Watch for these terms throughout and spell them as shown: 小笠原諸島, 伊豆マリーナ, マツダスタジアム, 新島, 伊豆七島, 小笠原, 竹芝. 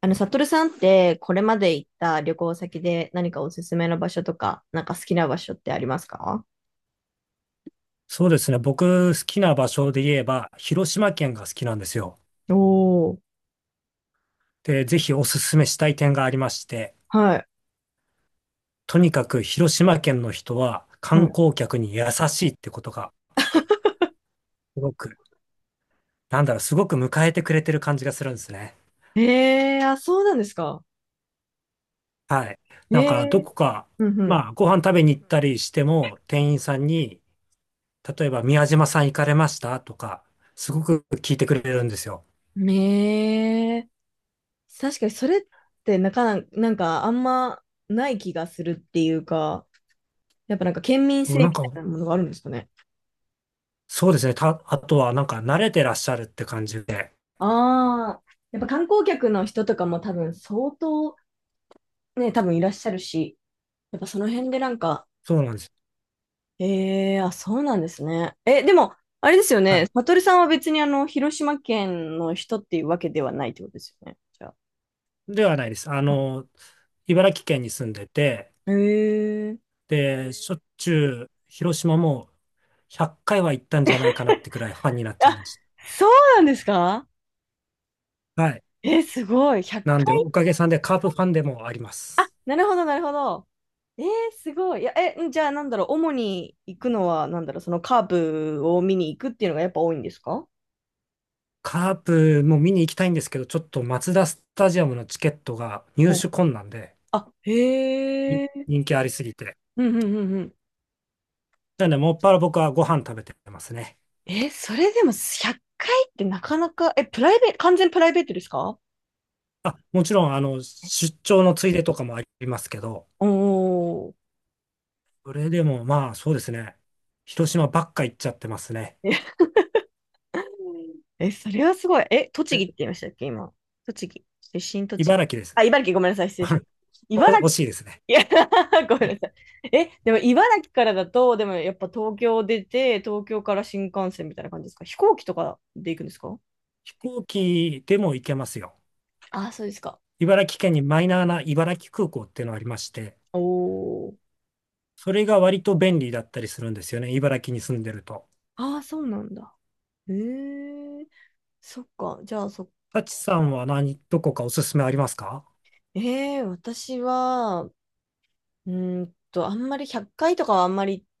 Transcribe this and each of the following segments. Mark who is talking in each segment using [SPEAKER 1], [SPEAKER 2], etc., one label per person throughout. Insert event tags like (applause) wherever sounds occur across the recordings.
[SPEAKER 1] サトルさんって、これまで行った旅行先で何かおすすめの場所とか、なんか好きな場所ってありますか？
[SPEAKER 2] そうですね。僕、好きな場所で言えば、広島県が好きなんですよ。
[SPEAKER 1] おー、
[SPEAKER 2] で、ぜひおすすめしたい点がありまして、
[SPEAKER 1] はい、
[SPEAKER 2] とにかく広島県の人は観
[SPEAKER 1] は
[SPEAKER 2] 光客に優しいってことが、すごく、すごく迎えてくれてる感じがするんですね。
[SPEAKER 1] い。あ、そうなんですか。
[SPEAKER 2] はい。
[SPEAKER 1] え
[SPEAKER 2] なんか、どこか、
[SPEAKER 1] ー、うん
[SPEAKER 2] まあ、ご飯食べに行ったりしても、店員さんに、例えば、宮島さん行かれましたとか、すごく聞いてくれるんですよ。
[SPEAKER 1] うん。確かにそれってなかな、なんかあんまない気がするっていうか、やっぱなんか県民
[SPEAKER 2] そ
[SPEAKER 1] 性
[SPEAKER 2] う、な
[SPEAKER 1] み
[SPEAKER 2] ん
[SPEAKER 1] たい
[SPEAKER 2] か、
[SPEAKER 1] なものがあるんですかね。
[SPEAKER 2] そうですね。あとは、慣れてらっしゃるって感じで、
[SPEAKER 1] ああ、やっぱ観光客の人とかも多分相当ね、多分いらっしゃるし、やっぱその辺でなんか、
[SPEAKER 2] そうなんです。
[SPEAKER 1] ええあ、そうなんですね。え、でも、あれですよ
[SPEAKER 2] は
[SPEAKER 1] ね。
[SPEAKER 2] い、
[SPEAKER 1] サトルさんは別に広島県の人っていうわけではないってことですよね。じゃあ。
[SPEAKER 2] ではないです。あの、茨城県に住んでて、
[SPEAKER 1] へえ
[SPEAKER 2] で、しょっちゅう広島も100回は行ったんじゃないかなってくらいファンになっちゃい
[SPEAKER 1] あ、
[SPEAKER 2] まし
[SPEAKER 1] そうなんですか？
[SPEAKER 2] た。はい。
[SPEAKER 1] え、すごい。100
[SPEAKER 2] なんで、お
[SPEAKER 1] 回。
[SPEAKER 2] かげさんでカープファンでもありま
[SPEAKER 1] あ、
[SPEAKER 2] す。
[SPEAKER 1] なるほど、なるほど。えー、すごい。いや、え、んじゃあ、なんだろう。主に行くのは、なんだろう。そのカープを見に行くっていうのがやっぱ多いんですか？
[SPEAKER 2] カープも見に行きたいんですけど、ちょっとマツダスタジアムのチケットが入
[SPEAKER 1] お
[SPEAKER 2] 手困難で、
[SPEAKER 1] あ、へ
[SPEAKER 2] 人
[SPEAKER 1] え。
[SPEAKER 2] 人気ありすぎて。
[SPEAKER 1] うんうんうんうん。
[SPEAKER 2] なので、もっぱら僕はご飯食べてますね。
[SPEAKER 1] え、それでも100回っかいってなかなか、え、プライベート、完全プライベートですか？
[SPEAKER 2] あ、もちろん、あの、出張のついでとかもありますけど、
[SPEAKER 1] おー。
[SPEAKER 2] それでもまあ、そうですね。広島ばっか行っちゃってますね。
[SPEAKER 1] ええ、それはすごい。え、栃木って言いましたっけ、今。栃木。出身栃
[SPEAKER 2] 茨
[SPEAKER 1] 木。
[SPEAKER 2] 城です。
[SPEAKER 1] あ、茨城、ごめんなさい。失礼しまし
[SPEAKER 2] (laughs)
[SPEAKER 1] た。
[SPEAKER 2] お
[SPEAKER 1] 茨
[SPEAKER 2] 惜
[SPEAKER 1] 城、
[SPEAKER 2] しいですね。
[SPEAKER 1] いや (laughs) ごめんなさい。え、でも茨城からだと、でもやっぱ東京出て、東京から新幹線みたいな感じですか？飛行機とかで行くんですか？
[SPEAKER 2] 飛行機でも行けますよ。
[SPEAKER 1] ああ、そうですか。
[SPEAKER 2] 茨城県にマイナーな茨城空港っていうのがありまして、
[SPEAKER 1] おお。
[SPEAKER 2] それが割と便利だったりするんですよね。茨城に住んでると。
[SPEAKER 1] ああ、そうなんだ。へえ、そっか。じゃあ、そ、
[SPEAKER 2] タチさんは何、どこかおすすめありますか？
[SPEAKER 1] ええ、私は、うーんと、あんまり100回とかはあんまり (laughs)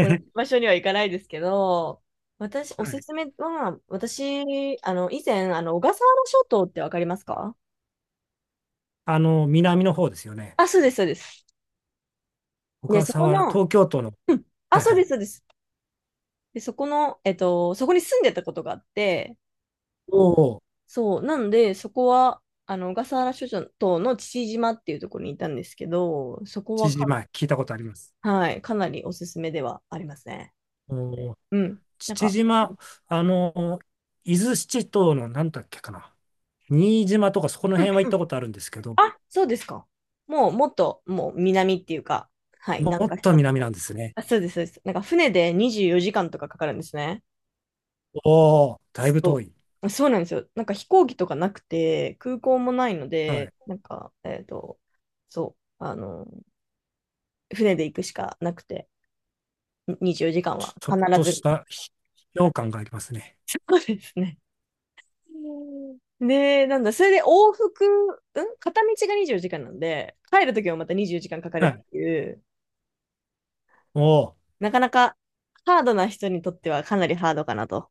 [SPEAKER 1] 同じ
[SPEAKER 2] は
[SPEAKER 1] 場所には行かないですけど、私、おすす
[SPEAKER 2] い、
[SPEAKER 1] めは、私、以前、小笠原諸島ってわかりますか？
[SPEAKER 2] あの、南の方ですよね。
[SPEAKER 1] あ、そうです、そうです。
[SPEAKER 2] 小
[SPEAKER 1] ね、そ
[SPEAKER 2] 笠
[SPEAKER 1] こ
[SPEAKER 2] 原、
[SPEAKER 1] の、
[SPEAKER 2] 東京都の、
[SPEAKER 1] うんあ、
[SPEAKER 2] はい
[SPEAKER 1] そう
[SPEAKER 2] は
[SPEAKER 1] で
[SPEAKER 2] い。
[SPEAKER 1] す、そうです。で、そこの、そこに住んでたことがあって、
[SPEAKER 2] おお、
[SPEAKER 1] そう、なんで、そこは、小笠原諸島の父島っていうところにいたんですけど、そこ
[SPEAKER 2] 父
[SPEAKER 1] はか
[SPEAKER 2] 島、聞いたことあります。
[SPEAKER 1] な、はい、かなりおすすめではありますね。
[SPEAKER 2] おー、
[SPEAKER 1] うん。なん
[SPEAKER 2] 父
[SPEAKER 1] か、
[SPEAKER 2] 島、あの、伊豆七島の何だっけかな。新島とかそこの
[SPEAKER 1] う
[SPEAKER 2] 辺は行ったこ
[SPEAKER 1] ん
[SPEAKER 2] とあるんですけど、
[SPEAKER 1] あ、そうですか。もう、もっと、もう、南っていうか、はい、
[SPEAKER 2] も
[SPEAKER 1] 南
[SPEAKER 2] っ
[SPEAKER 1] 下し
[SPEAKER 2] と
[SPEAKER 1] たと
[SPEAKER 2] 南
[SPEAKER 1] こ
[SPEAKER 2] な
[SPEAKER 1] ろ。
[SPEAKER 2] んですね。
[SPEAKER 1] あ、そうです、そうです。なんか、船で24時間とかかかるんですね。
[SPEAKER 2] おお、だいぶ遠
[SPEAKER 1] そ
[SPEAKER 2] い。
[SPEAKER 1] う。そうなんですよ。なんか、飛行機とかなくて、空港もないの
[SPEAKER 2] は
[SPEAKER 1] で、
[SPEAKER 2] い。
[SPEAKER 1] なんか、そう、船で行くしかなくて、24時間は
[SPEAKER 2] ちょ
[SPEAKER 1] 必
[SPEAKER 2] っとし
[SPEAKER 1] ず。
[SPEAKER 2] た秘境感がありますね。
[SPEAKER 1] そうですね。で、なんだ、それで往復、うん片道が24時間なんで、帰るときはまた24時間かんかか
[SPEAKER 2] は
[SPEAKER 1] る
[SPEAKER 2] い。
[SPEAKER 1] っていう、
[SPEAKER 2] おお、
[SPEAKER 1] なかなかハードな人にとってはかなりハードかなと。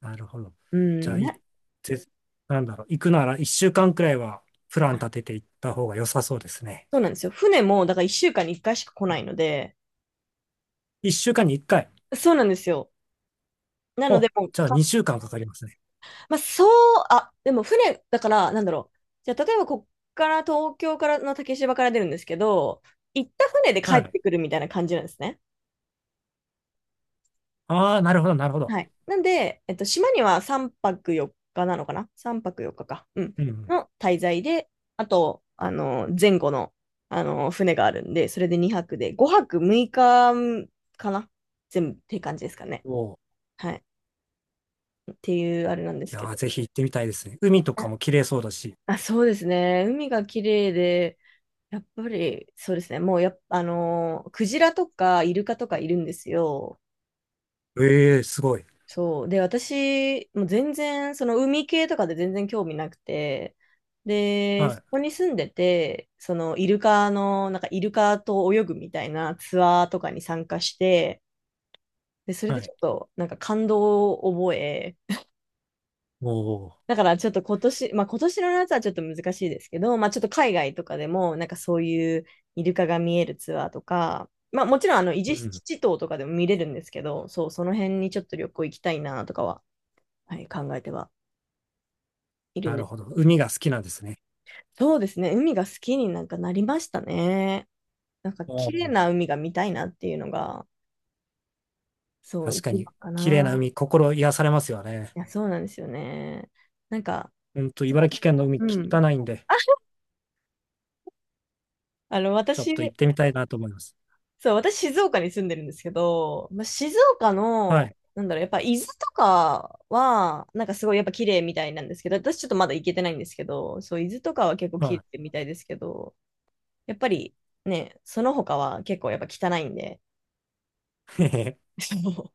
[SPEAKER 2] なるほど。
[SPEAKER 1] う
[SPEAKER 2] じゃあ、
[SPEAKER 1] ん、
[SPEAKER 2] い、
[SPEAKER 1] な
[SPEAKER 2] ぜ、なんだろう、行くなら1週間くらいはプラン立てていった方が良さそうですね。
[SPEAKER 1] そうなんですよ。船も、だから1週間に1回しか来ないので、
[SPEAKER 2] 1週間に1回。
[SPEAKER 1] そうなんですよ。なので、
[SPEAKER 2] お、
[SPEAKER 1] もう
[SPEAKER 2] じゃあ
[SPEAKER 1] か、
[SPEAKER 2] 2週間かんかかりますね。
[SPEAKER 1] まあ、そう、あ、でも船、だから、なんだろう。じゃあ、例えば、こっから、東京からの竹芝から出るんですけど、行った船で帰
[SPEAKER 2] は
[SPEAKER 1] っ
[SPEAKER 2] い。
[SPEAKER 1] てくるみたいな感じなんですね。
[SPEAKER 2] ああ、なるほど、なるほど。
[SPEAKER 1] はい。なんで、島には3泊4日なのかな？ 3 泊4日かか。うん。
[SPEAKER 2] うん。
[SPEAKER 1] の滞在で、あと、前後の、船があるんで、それで2泊で、5泊6日かかな全部って感じですかね。
[SPEAKER 2] おお、
[SPEAKER 1] はい。っていうあれなんです
[SPEAKER 2] いや
[SPEAKER 1] け
[SPEAKER 2] ー、
[SPEAKER 1] ど。
[SPEAKER 2] ぜひ行ってみたいですね。海とか
[SPEAKER 1] あ、
[SPEAKER 2] も綺麗そうだし。
[SPEAKER 1] あそうですね。海が綺麗で、やっぱり、そうですね。もうやっぱ、クジラとかイルカとかいるんですよ。
[SPEAKER 2] ええ、すごい。
[SPEAKER 1] そう。で、私、もう全然、その海系とかで全然興味なくて、で、
[SPEAKER 2] は
[SPEAKER 1] そ
[SPEAKER 2] い、
[SPEAKER 1] こに住んでて、そのイルカの、なんかイルカと泳ぐみたいなツアーとかに参加して、で、それで
[SPEAKER 2] は
[SPEAKER 1] ち
[SPEAKER 2] い。
[SPEAKER 1] ょっと、なんか感動を覚え、
[SPEAKER 2] おお、
[SPEAKER 1] だからちょっと今年、まあ今年の夏はちょっと難しいですけど、まあちょっと海外とかでも、なんかそういうイルカが見えるツアーとか、まあもちろん伊豆
[SPEAKER 2] うん。
[SPEAKER 1] 七島とかでも見れるんですけど、そう、その辺にちょっと旅行行きたいなとかは、はい、考えてはいるん
[SPEAKER 2] な
[SPEAKER 1] で
[SPEAKER 2] る
[SPEAKER 1] す
[SPEAKER 2] ほ
[SPEAKER 1] け
[SPEAKER 2] ど。
[SPEAKER 1] ど。
[SPEAKER 2] 海が好きなんですね。
[SPEAKER 1] そうですね。海が好きになんかなりましたね。なんか
[SPEAKER 2] お
[SPEAKER 1] 綺麗
[SPEAKER 2] お。
[SPEAKER 1] な海が見たいなっていうのが、そう、
[SPEAKER 2] 確か
[SPEAKER 1] 一番
[SPEAKER 2] に、
[SPEAKER 1] か
[SPEAKER 2] 綺麗な
[SPEAKER 1] な。
[SPEAKER 2] 海、心癒されますよね。
[SPEAKER 1] いや、そうなんですよね。なんか、
[SPEAKER 2] うんと、
[SPEAKER 1] でも
[SPEAKER 2] 茨城県の海、
[SPEAKER 1] うん。
[SPEAKER 2] 汚いんで、ちょっ
[SPEAKER 1] 私、
[SPEAKER 2] と行ってみたいなと思います。
[SPEAKER 1] そう、私、静岡に住んでるんですけど、まあ、静岡
[SPEAKER 2] は
[SPEAKER 1] の、
[SPEAKER 2] い。
[SPEAKER 1] なんだろう、やっぱ伊豆とかは、なんかすごいやっぱ綺麗みたいなんですけど、私ちょっとまだ行けてないんですけど、そう、伊豆とかは結構綺
[SPEAKER 2] は
[SPEAKER 1] 麗みたいですけど、やっぱりね、その他は結構やっぱ汚いんで、
[SPEAKER 2] い。へへへ、
[SPEAKER 1] そう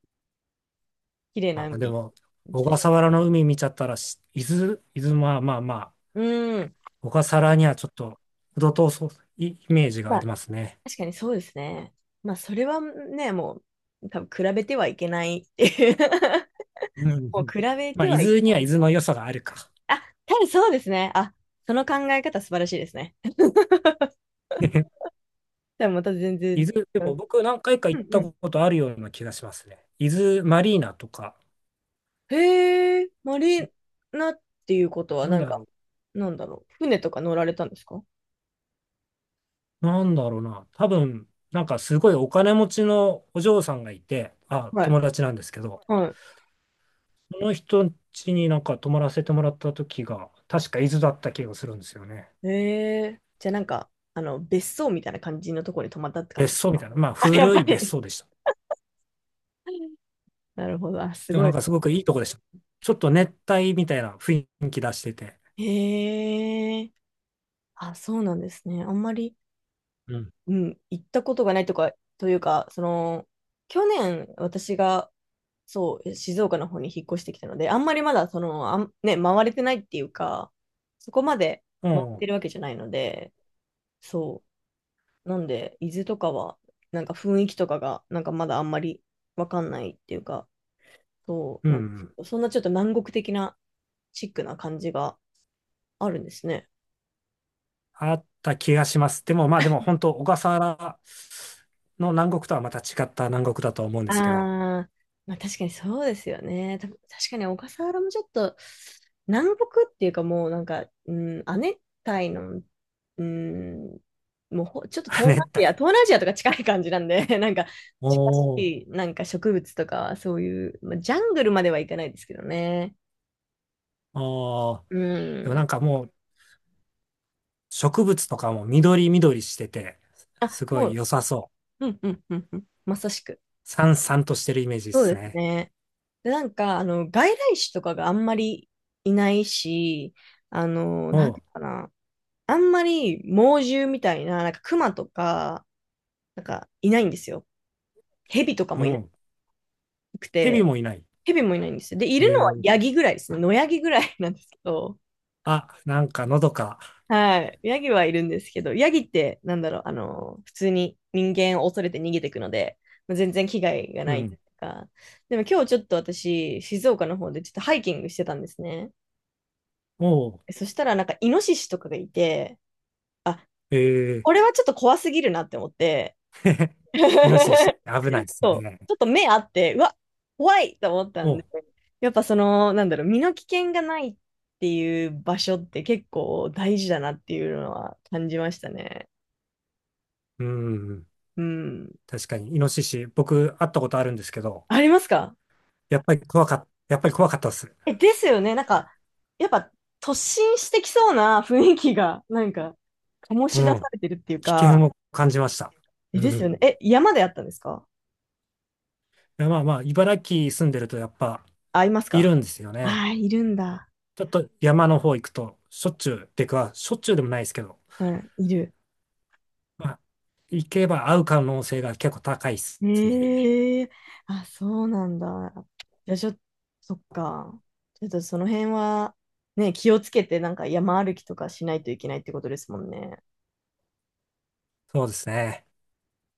[SPEAKER 1] 綺麗な海
[SPEAKER 2] あ、で
[SPEAKER 1] に
[SPEAKER 2] も、
[SPEAKER 1] 行き
[SPEAKER 2] 小
[SPEAKER 1] たい。
[SPEAKER 2] 笠原の海見ちゃったらし、伊豆、まあまあまあ、
[SPEAKER 1] うん。
[SPEAKER 2] 小笠原にはちょっと、程遠そう、イメージが
[SPEAKER 1] ま
[SPEAKER 2] あり
[SPEAKER 1] あ、
[SPEAKER 2] ますね。
[SPEAKER 1] 確かにそうですね。まあ、それはね、もう、多分比べてはいけないっていう
[SPEAKER 2] うんう
[SPEAKER 1] (laughs) もう
[SPEAKER 2] ん、
[SPEAKER 1] 比べ
[SPEAKER 2] まあ、
[SPEAKER 1] て
[SPEAKER 2] 伊
[SPEAKER 1] はいけ
[SPEAKER 2] 豆には
[SPEAKER 1] な
[SPEAKER 2] 伊
[SPEAKER 1] い。
[SPEAKER 2] 豆の良さがあるか。
[SPEAKER 1] あ、た分そうですね。あ、その考え方素晴らしいですね。(laughs) でもまた全然
[SPEAKER 2] 伊豆、で
[SPEAKER 1] 違
[SPEAKER 2] も
[SPEAKER 1] う。
[SPEAKER 2] 僕何回か
[SPEAKER 1] う
[SPEAKER 2] 行っ
[SPEAKER 1] んう
[SPEAKER 2] たこ
[SPEAKER 1] ん。
[SPEAKER 2] とあるような気がしますね。伊豆マリーナとか、
[SPEAKER 1] へえ、マリーナっていうことは、
[SPEAKER 2] なん
[SPEAKER 1] なん
[SPEAKER 2] だ
[SPEAKER 1] か、
[SPEAKER 2] ろう。
[SPEAKER 1] なんだろう。船とか乗られたんですか？
[SPEAKER 2] なんだろうな。多分、なんかすごいお金持ちのお嬢さんがいて、あ、
[SPEAKER 1] はい。
[SPEAKER 2] 友達なんですけど、
[SPEAKER 1] は
[SPEAKER 2] その人ん家になんか泊まらせてもらった時が、確か伊豆だった気がするんですよね。
[SPEAKER 1] い。へえ、じゃあなんか、別荘みたいな感じのところに泊まったって感
[SPEAKER 2] 別
[SPEAKER 1] じです
[SPEAKER 2] 荘みた
[SPEAKER 1] か？
[SPEAKER 2] いな。まあ
[SPEAKER 1] あ、(laughs) やっ
[SPEAKER 2] 古
[SPEAKER 1] ぱ
[SPEAKER 2] い別
[SPEAKER 1] り。
[SPEAKER 2] 荘でした。
[SPEAKER 1] なるほど。あ、す
[SPEAKER 2] でも
[SPEAKER 1] ご
[SPEAKER 2] なん
[SPEAKER 1] い。
[SPEAKER 2] かすごくいいとこでした。ちょっと熱帯みたいな雰囲気出してて。
[SPEAKER 1] へえ。あ、そうなんですね。あんまり、
[SPEAKER 2] うん。
[SPEAKER 1] うん、行ったことがないとか、というか、その、去年、私が、そう、静岡の方に引っ越してきたので、あんまりまだ、その、あん、ね、回れてないっていうか、そこまで回って
[SPEAKER 2] も
[SPEAKER 1] るわけじゃないので、そう。なんで、伊豆とかは、なんか雰囲気とかが、なんかまだあんまりわかんないっていうか、そ
[SPEAKER 2] う、
[SPEAKER 1] う
[SPEAKER 2] う
[SPEAKER 1] なんですけ
[SPEAKER 2] ん。
[SPEAKER 1] ど、そんなちょっと南国的なチックな感じがあるんですね。
[SPEAKER 2] あった気がします。でもまあでも本当、小笠原の南国とはまた違った南国だと思うんで
[SPEAKER 1] あ
[SPEAKER 2] すけど、
[SPEAKER 1] あ、まあ確かにそうですよね。た確かに小笠原もちょっと南国っていうかもうなんか、うん、亜熱帯の、うん、もうほちょっと
[SPEAKER 2] (laughs)
[SPEAKER 1] 東南ア
[SPEAKER 2] 熱
[SPEAKER 1] ジア、
[SPEAKER 2] 帯。
[SPEAKER 1] 東南アジアとか近い感じなんで、(laughs) なんか近し
[SPEAKER 2] おー。
[SPEAKER 1] いなんか植物とかそういう、まあ、ジャングルまではいかないですけどね。
[SPEAKER 2] ああ。
[SPEAKER 1] う
[SPEAKER 2] でもなん
[SPEAKER 1] ん。
[SPEAKER 2] かもう植物とかも緑緑してて、
[SPEAKER 1] あ、
[SPEAKER 2] すご
[SPEAKER 1] も
[SPEAKER 2] い良
[SPEAKER 1] う、
[SPEAKER 2] さそう。
[SPEAKER 1] うんうんうんうん。まさしく。
[SPEAKER 2] さんさんとしてるイメージで
[SPEAKER 1] そう
[SPEAKER 2] す
[SPEAKER 1] です
[SPEAKER 2] ね。
[SPEAKER 1] ね。で、なんか、外来種とかがあんまりいないし、な
[SPEAKER 2] お
[SPEAKER 1] んて
[SPEAKER 2] う、
[SPEAKER 1] いうのかな。あんまり猛獣みたいな、なんか熊とか、なんかいないんですよ。蛇とか
[SPEAKER 2] も
[SPEAKER 1] もいな
[SPEAKER 2] う
[SPEAKER 1] く
[SPEAKER 2] 蛇
[SPEAKER 1] て、
[SPEAKER 2] もいない。
[SPEAKER 1] 蛇もいないんですよ。で、い
[SPEAKER 2] え
[SPEAKER 1] るのは
[SPEAKER 2] ー、
[SPEAKER 1] ヤギぐらいですね。野ヤギぐらいなんですけど、
[SPEAKER 2] あ、なんかのどか。
[SPEAKER 1] はい。ヤギはいるんですけど、ヤギってなんだろう、普通に人間を恐れて逃げていくので、まあ全然危害が
[SPEAKER 2] う
[SPEAKER 1] ない
[SPEAKER 2] ん。
[SPEAKER 1] か。でも今日ちょっと私、静岡の方でちょっとハイキングしてたんですね。
[SPEAKER 2] おう、
[SPEAKER 1] そしたらなんかイノシシとかがいて、あ、
[SPEAKER 2] えー、
[SPEAKER 1] これはちょっと怖すぎるなって思って、
[SPEAKER 2] (laughs) イノシシ危ないで
[SPEAKER 1] (laughs)
[SPEAKER 2] す
[SPEAKER 1] そう、
[SPEAKER 2] ね。
[SPEAKER 1] ちょっと目あって、うわ、怖いと思った
[SPEAKER 2] お
[SPEAKER 1] んで、
[SPEAKER 2] う、
[SPEAKER 1] やっぱその、なんだろう、身の危険がないっていう場所って結構大事だなっていうのは感じましたね。
[SPEAKER 2] うん。
[SPEAKER 1] うん。
[SPEAKER 2] 確かに、イノシシ、僕会ったことあるんですけど、
[SPEAKER 1] ありますか？
[SPEAKER 2] やっぱり怖かったです。
[SPEAKER 1] え、ですよね。なんか、やっぱ突進してきそうな雰囲気が、なんか、醸し出
[SPEAKER 2] う
[SPEAKER 1] さ
[SPEAKER 2] ん。
[SPEAKER 1] れてるっていう
[SPEAKER 2] 危
[SPEAKER 1] か、
[SPEAKER 2] 険を感じました。
[SPEAKER 1] え、
[SPEAKER 2] う
[SPEAKER 1] です
[SPEAKER 2] ん。
[SPEAKER 1] よ
[SPEAKER 2] い
[SPEAKER 1] ね。え、山であったんですか？
[SPEAKER 2] や、まあまあ、茨城住んでるとやっぱ
[SPEAKER 1] あ、います
[SPEAKER 2] い
[SPEAKER 1] か？
[SPEAKER 2] るんですよね。
[SPEAKER 1] あー、いるんだ。
[SPEAKER 2] ちょっと山の方行くと、しょっちゅうでもないですけど、
[SPEAKER 1] うん、いる。
[SPEAKER 2] まあ、行けば会う可能性が結構高いですね。
[SPEAKER 1] ええあ、そうなんだ。じゃあちょっと、そっか。ちょっとその辺は、ね、気をつけて、なんか山歩きとかしないといけないってことですもんね。
[SPEAKER 2] そうですね。